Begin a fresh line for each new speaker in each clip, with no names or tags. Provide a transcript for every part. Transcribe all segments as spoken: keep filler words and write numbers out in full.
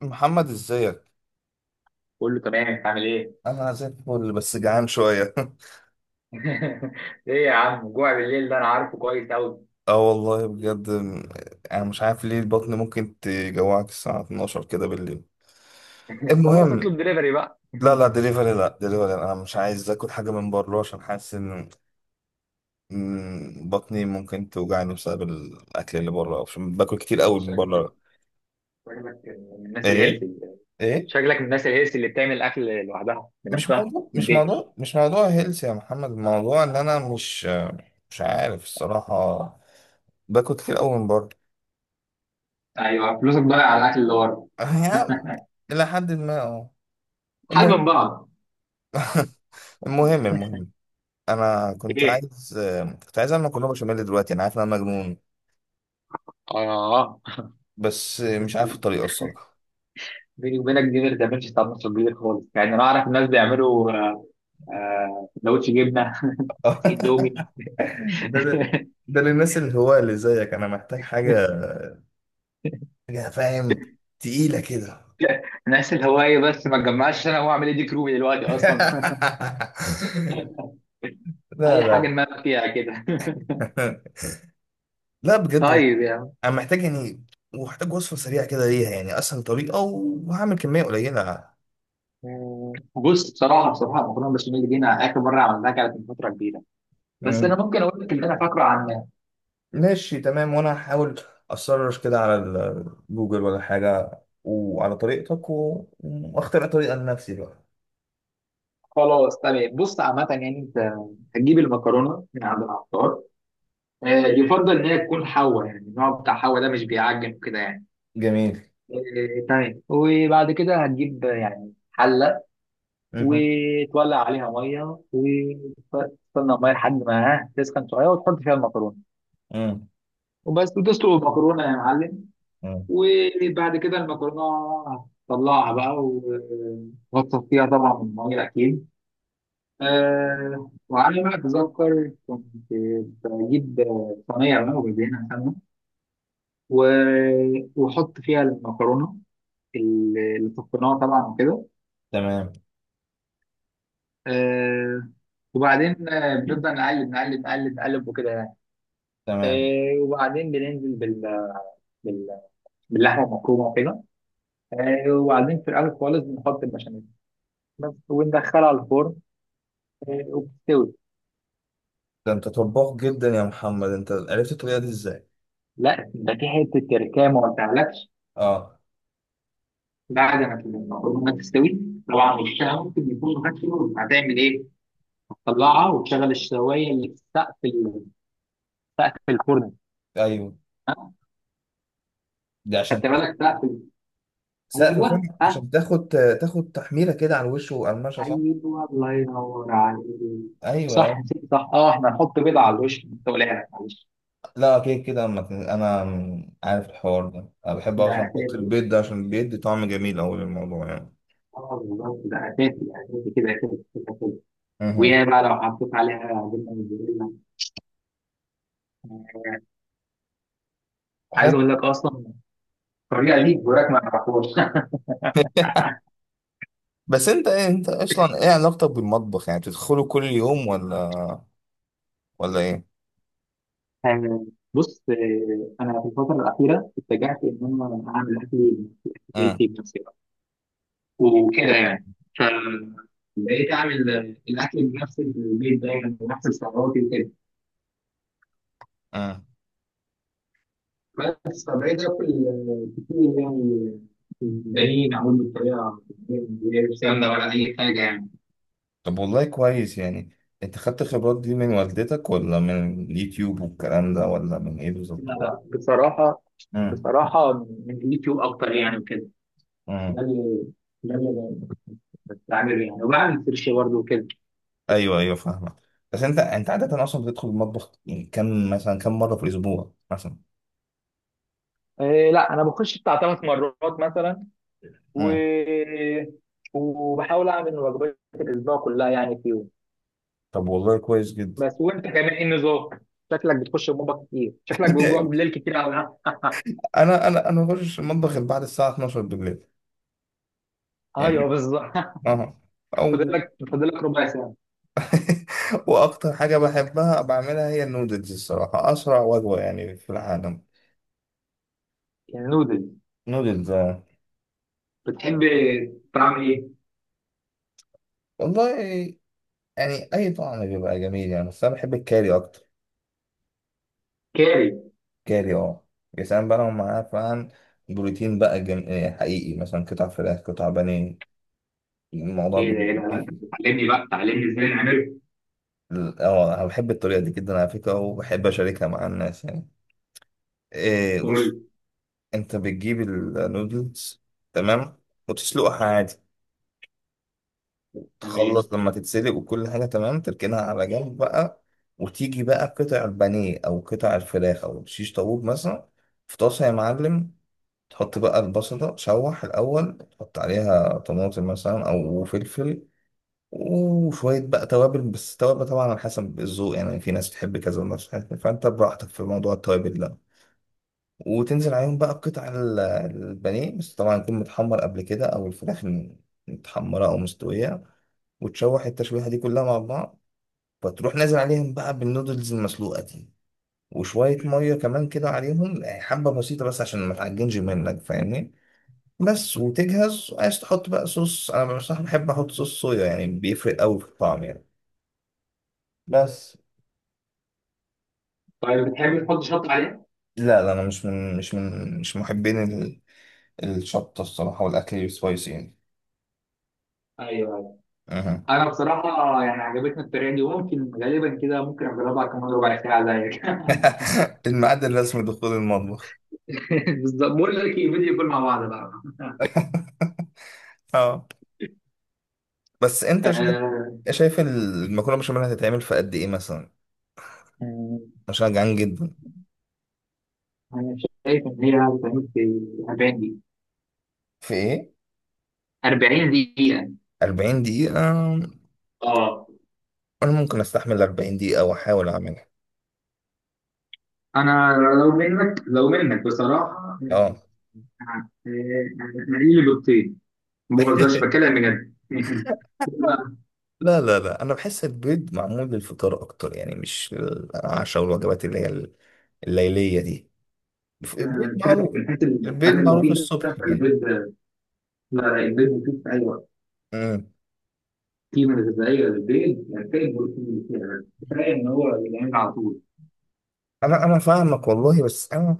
محمد ازيك؟
كله تمام، انت عامل ايه؟
انا زي الفل بس جعان شويه.
ايه يا عم، جوع بالليل ده انا عارفه كويس قوي.
اه والله بجد م- انا مش عارف ليه البطن ممكن تجوعك الساعه اتناشر كده بالليل.
خلاص،
المهم،
اطلب دليفري بقى.
لا لا دليفري، لا دليفري، انا مش عايز اكل حاجه من بره عشان حاسس ان إن بطني ممكن توجعني بسبب الاكل اللي بره عشان باكل كتير قوي من
شكلك
بره.
شكلك من الناس
ايه،
الهيلثي.
ايه،
شكلك من الناس الهيلثي اللي بتعمل اكل لوحدها
مش
بنفسها
موضوع
في
مش
البيت.
موضوع مش موضوع هيلث يا محمد، الموضوع ان انا مش مش عارف الصراحه، باكل كتير قوي من بره.
ايوه، فلوسك ضايعه على الاكل اللي ورا.
هي إلى حد ما اه.
حل
المهم،
من بعض.
المهم المهم، أنا كنت
ايه؟
عايز كنت عايز أعمل مكرونة بشاميل دلوقتي، أنا عارف إن أنا مجنون
اه،
بس
بس
مش عارف الطريقة الصراحة.
بيني وبينك دي ما بتعملش طعم نص الجديد خالص، يعني انا اعرف الناس بيعملوا آه، آه، سندوتش جبنه. كيس اندومي.
ده ده ده للناس اللي هو اللي زيك، أنا محتاج حاجة حاجة، فاهم، تقيلة كده.
نفس الهواية، بس ما تجمعش، انا هو اعمل ايه؟ دي كروبي دلوقتي اصلا.
لا
اي حاجة
لا
نمام فيها كده.
لا بجد والله.
طيب يا عم،
انا محتاج يعني، ومحتاج وصفه سريعه كده ليها، يعني اسهل طريقه، وهعمل كميه قليله.
بص، بصراحة بصراحة المكرونة البشاميل دي انا اخر مرة عملتها كانت من فترة كبيرة، بس انا ممكن اقول لك اللي انا فاكره عنها.
ماشي، تمام، وانا هحاول اسرش كده على ال- جوجل ولا حاجه وعلى طريقتك و- واخترع طريقه لنفسي بقى.
خلاص تمام، بص، عامة يعني انت هتجيب المكرونة من عند العطار، آه، يفضل ان هي تكون حوا، يعني النوع بتاع حوا ده مش بيعجن كده يعني.
جميل.
آه، تمام، وبعد كده هتجيب آه، يعني حلة،
مهم.
وتولع عليها ميه، وتستنى الميه لحد ما ها تسخن شويه، وتحط فيها المكرونه،
مم.
وبس وتسلق المكرونه يا معلم.
مم.
وبعد كده المكرونه هتطلعها بقى، و- وهتصفيها طبعا من الميه اكيد. أه، وعلى ما اتذكر كنت بجيب صينيه بقى، وبدهنها سمنه، و- واحط فيها المكرونه اللي صفيناها طبعا، وكده.
تمام.
أه، وبعدين آه، بنبدأ نقلب نقلب نقلب نقلب وكده.
تمام.
آه، وبعدين بننزل بال... بال... باللحمه المفرومه وكده. آه، وبعدين في الاول خالص بنحط البشاميل بس، وندخلها على الفرن، آه، وبتستوي.
ده انت طباخ جدا يا محمد، انت عرفت الطريقه دي ازاي؟
لا، ده في حته تركية ما قلتهالكش.
اه.
بعد ما المكرونه تستوي طبعا، وشها ممكن يكون غسله، هتعمل ايه؟ هتطلعها وتشغل الشوايه اللي في سقف ال- سقف الفرن.
ايوه. دي
خدت
عشان
بالك؟ سقف ال-
سقف
ايوه
فين؟
ها.
عشان تاخد تاخد تحميله كده على الوش وقرمشه، صح؟
ايوه، الله ينور عليك.
ايوه،
صح،
أيوة.
نسيت، صح، اه، احنا هنحط بيضه على الوش، انت قلقان؟ معلش.
لا اكيد كده، أما ت- انا عارف الحوار ده، انا بحب
ده
اصلا احط
اساسي.
البيض ده عشان بيدي طعم جميل اوي للموضوع يعني.
اه، بالظبط، ده اساسي اساسي كده كده كده كده.
مهم.
ويا بقى لو حطيت عليها جبنه موتزاريلا، عايز
حلو.
اقول لك اصلا الطريقه دي جوراك ما يعرفهاش.
بس انت ايه، انت اصلا ايه علاقتك بالمطبخ؟ يعني بتدخله كل يوم ولا ولا ايه؟
آه، بص، آه، انا في الفتره الاخيره اتجهت ان انا اعمل اكلي بنفسي، أكل
امم.
بيتي بنفسي بقى، وكده يعني. ف بقيت اعمل آه، الاكل بنفس البيت دايما، بنفس السعرات وكده.
امم.
بس، فبقيت اكل آه، كتير يعني. بنين اعمل بالطريقه من غير سمنه ولا اي حاجه يعني.
طب والله كويس يعني، انت خدت الخبرات دي من والدتك ولا من اليوتيوب والكلام ده ولا من ايه بالظبط؟
لا لا، بصراحة،
امم.
بصراحة من اليوتيوب أكتر يعني، وكده. ده
امم.
اللي ده اللي بعمله يعني، وبعمل سيرش برضه وكده.
ايوه، ايوه، فاهمك. بس انت انت عادة اصلا بتدخل المطبخ يعني كم مثلا، كم مرة في الاسبوع مثلا؟
إيه، لا، أنا بخش بتاع ثلاث مرات مثلا، و...
امم.
وبحاول أعمل وجبات الأسبوع كلها يعني فيهم.
طب والله كويس جدا.
بس وأنت كمان إيه النظام؟ شكلك بتخش المطبخ كتير، شكلك بتجوع بالليل كتير أوي، ها؟
انا انا انا بخش المطبخ بعد الساعة اتناشر بالليل
أيوه
يعني.
بالظبط.
اه.
فاضل
او.
لك فاضل لك ربع ساعة.
واكتر حاجه بحبها بعملها هي النودلز الصراحه، اسرع وجبه يعني في العالم.
يعني نودل،
نودلز، آه.
بتحب تعمل إيه؟
والله يعني اي طعم بيبقى جميل يعني، بس انا بحب الكاري اكتر.
كاري.
كاري، اه. يا سلام بقى لو معاه فعلا بروتين بقى جم... آه، حقيقي، مثلا قطع فراخ، قطع بانيه، الموضوع
إيه ده؟ إيه ده؟ لا لا،
بيديك.
تعلمني بقى، تعلمني إزاي نعمله.
ال- اه انا بحب الطريقه دي جدا على فكره، وبحب اشاركها مع الناس يعني. إيه بص،
قول.
انت بتجيب النودلز، تمام، وتسلقها عادي،
تمام.
تخلص لما تتسلق وكل حاجة تمام تركنها على جنب بقى. وتيجي بقى قطع البانيه أو قطع الفراخ أو شيش طاووق مثلا، في طاسة يا معلم، تحط بقى البصل ده تشوح الأول، تحط عليها طماطم مثلا أو فلفل وشوية بقى توابل، بس توابل طبعا على حسب الذوق يعني، في ناس بتحب كذا وناس بتحب، فأنت براحتك في موضوع التوابل ده. وتنزل عليهم بقى بقطع ال- البانيه، بس طبعا يكون متحمر قبل كده، أو الفراخ متحمرة أو مستوية، وتشوح التشويحة دي كلها مع بعض. فتروح نازل عليهم بقى بالنودلز المسلوقة دي وشوية مية كمان كده عليهم، يعني حبة بسيطة بس عشان ما تعجنش منك، فاهمني. بس وتجهز، عايز تحط بقى صوص، أنا بصراحة بحب أحط صوص صويا، يعني بيفرق أوي في الطعم يعني. بس
طيب، بتحب تحط شط عليها؟
لا لا، أنا مش من مش من مش محبين ال- الشطة الصراحة، والأكل السبايسي يعني.
ايوه ايوه.
أها.
انا بصراحه يعني عجبتني الطريقه دي، وممكن غالبا كده ممكن اجربها كمان ربع ساعه زيك.
الميعاد الرسمي دخول المطبخ.
بالظبط. بقول لك ايه، فيديو كول مع بعض بقى.
اه. بس انت شايف
آه،
شايف المكرونه بشاميل هتتعمل في قد ايه مثلا؟
آه،
مش جعان جدا.
انا شايف ان هي هتعمل في أربعين دقيقه.
في ايه؟
أربعين دقيقه؟
أربعين دقيقة.
اه.
انا ممكن استحمل أربعين دقيقة واحاول اعملها.
انا لو منك لو منك بصراحه،
اه.
آه، آه، انا لي بيضتين، ما بهزرش، بتكلم بجد. بقى،
لا لا لا، انا بحس البيض معمول للفطار اكتر، يعني مش العشاء والوجبات اللي هي الليلية دي.
آه،
البيض
بتكلم في
معروف.
الحاجات
البيض
الحاجه
معروف
المفيده،
الصبح يعني.
فالبيض. لا لا، البيض مفيد في أي وقت.
امم.
قيمة غذائية للبيض، ينتهي البروتين اللي فيها، بس كفاية إن هو بيتعمل على طول.
انا انا فاهمك والله، بس انا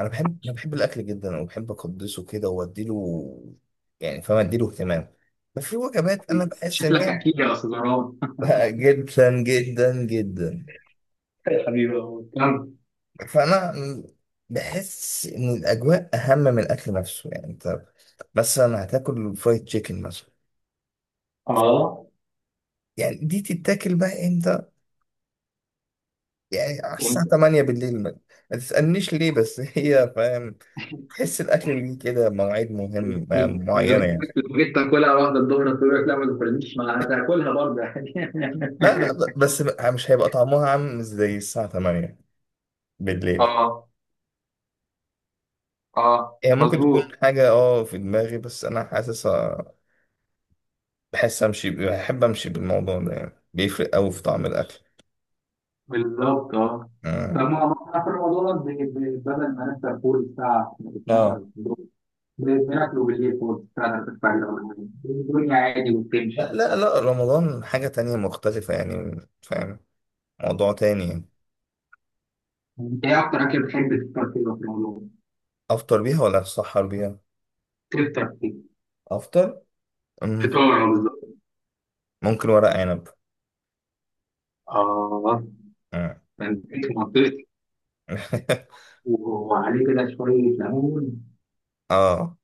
انا بحب انا بحب الاكل جدا، وبحب اقدسه كده واديله، يعني فاهم، اديله اهتمام. بس في وجبات انا بحس ان
شكلك
هي.
أكيد يا أستاذ مروان.
جدا جدا جدا.
يا حبيبي والله. كم؟
فانا بحس ان الاجواء اهم من الاكل نفسه، يعني انت مثلا هتاكل فرايد تشيكن مثلا،
آه.
يعني دي تتاكل بقى امتى؟ يعني على الساعه
أنت
تمانية بالليل، ما ما تسالنيش ليه بس. هي فاهم، تحس الاكل ليه كده مواعيد مهم
أكيد. لو
معينه
جيت
يعني.
لو جيت تاكلها واحدة الظهر، تقول لك لا ما تاكلنيش، ما هتاكلها برضه يعني.
لا لا، ب- بس مش هيبقى طعمها عامل زي الساعه تمانية بالليل.
اه، اه
هي ممكن مم. تكون
مظبوط.
حاجه اه في دماغي، بس انا حاسسها، بحس امشي، بحب امشي بالموضوع ده، يعني بيفرق قوي في طعم الاكل.
بالظبط، اه. طب
مم.
ما هو احنا في رمضان، ب- ب- بدل ما نفطر فول الساعة اتناشر
اه.
بالليل، ب- بناكله بالليل فول الساعة تلاتة الفجر ولا حاجة، الدنيا عادي وبتمشي.
لا لا لا، رمضان حاجة تانية مختلفة يعني فاهم، موضوع تاني يعني.
انت ايه اكتر اكل بتحب تفطر فيه في رمضان؟
أفطر بيها ولا أتسحر بيها؟
تفطر فيه،
أفطر. أم،
فطار بالظبط.
ممكن ورق عنب.
آه.
أم.
انت في منطقتي. وعليه كده شويه ليمون.
آه.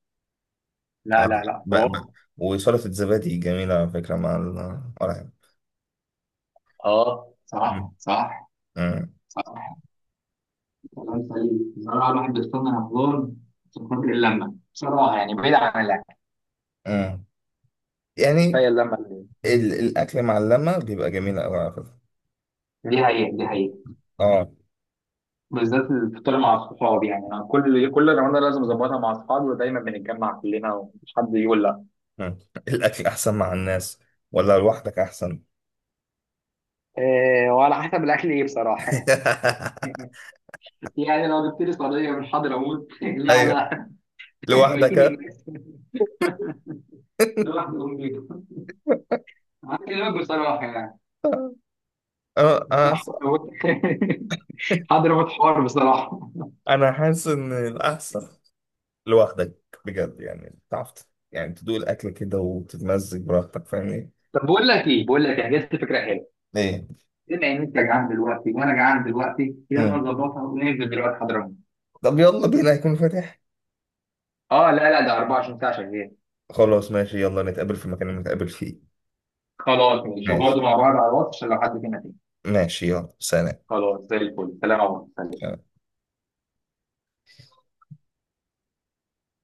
لا لا لا،
ب... ب...
طبعا.
وسلطة الزبادي جميلة على فكرة مع ال- ورق عنب.
اه،
أم،
صح صح
أم،
صح. كلام سليم بصراحه، الواحد بيستنى رمضان عشان خاطر اللمه بصراحه، يعني بعيد عن الاكل،
أم.
كفايه
يعني
اللمه اللي،
ال... الأكل مع اللمة بيبقى جميل أوي على فكرة.
دي حقيقه، دي حقيقه.
آه.
بالذات الفطار مع الصحاب، يعني انا كل كل رمضان لازم اظبطها مع اصحابي، ودايما بنتجمع كلنا ومش حد يقول لا.
أم. الأكل أحسن مع الناس ولا لوحدك أحسن؟
إيه، وعلى حسب الاكل ايه بصراحه. يعني لو جبت لي صينيه من حضرموت، لا
أيوه،
لا،
لوحدك.
مدينة الناس، لوحده أقوم بيها، هكلمك بصراحه يعني.
آه،
لا، لا،
آه،
حضرموت، حضرموت. حوار بصراحه.
انا حاسس ان الاحسن لوحدك بجد يعني، تعرف ت- يعني تدوق الاكل كده وتتمزج براحتك، فاهمني؟
طب بقول لك ايه بقول لك إيه، جت فكره حلوه.
ايه.
بما ان انت جعان دلوقتي وانا جعان دلوقتي، يلا
مم.
نظبطها وننزل دلوقتي حضرموت.
طب يلا بينا، هيكون فاتح؟
اه، لا لا، ده أربعة وعشرين ساعه شغال.
خلاص ماشي، يلا نتقابل في المكان اللي نتقابل فيه.
خلاص ماشي، وبرضه
ماشي،
مع بعض على الواتس عشان لو حد فينا تاني.
ماشي، يلا سلام.
خلاص، زي الفل، سلام يا عمر. سلام.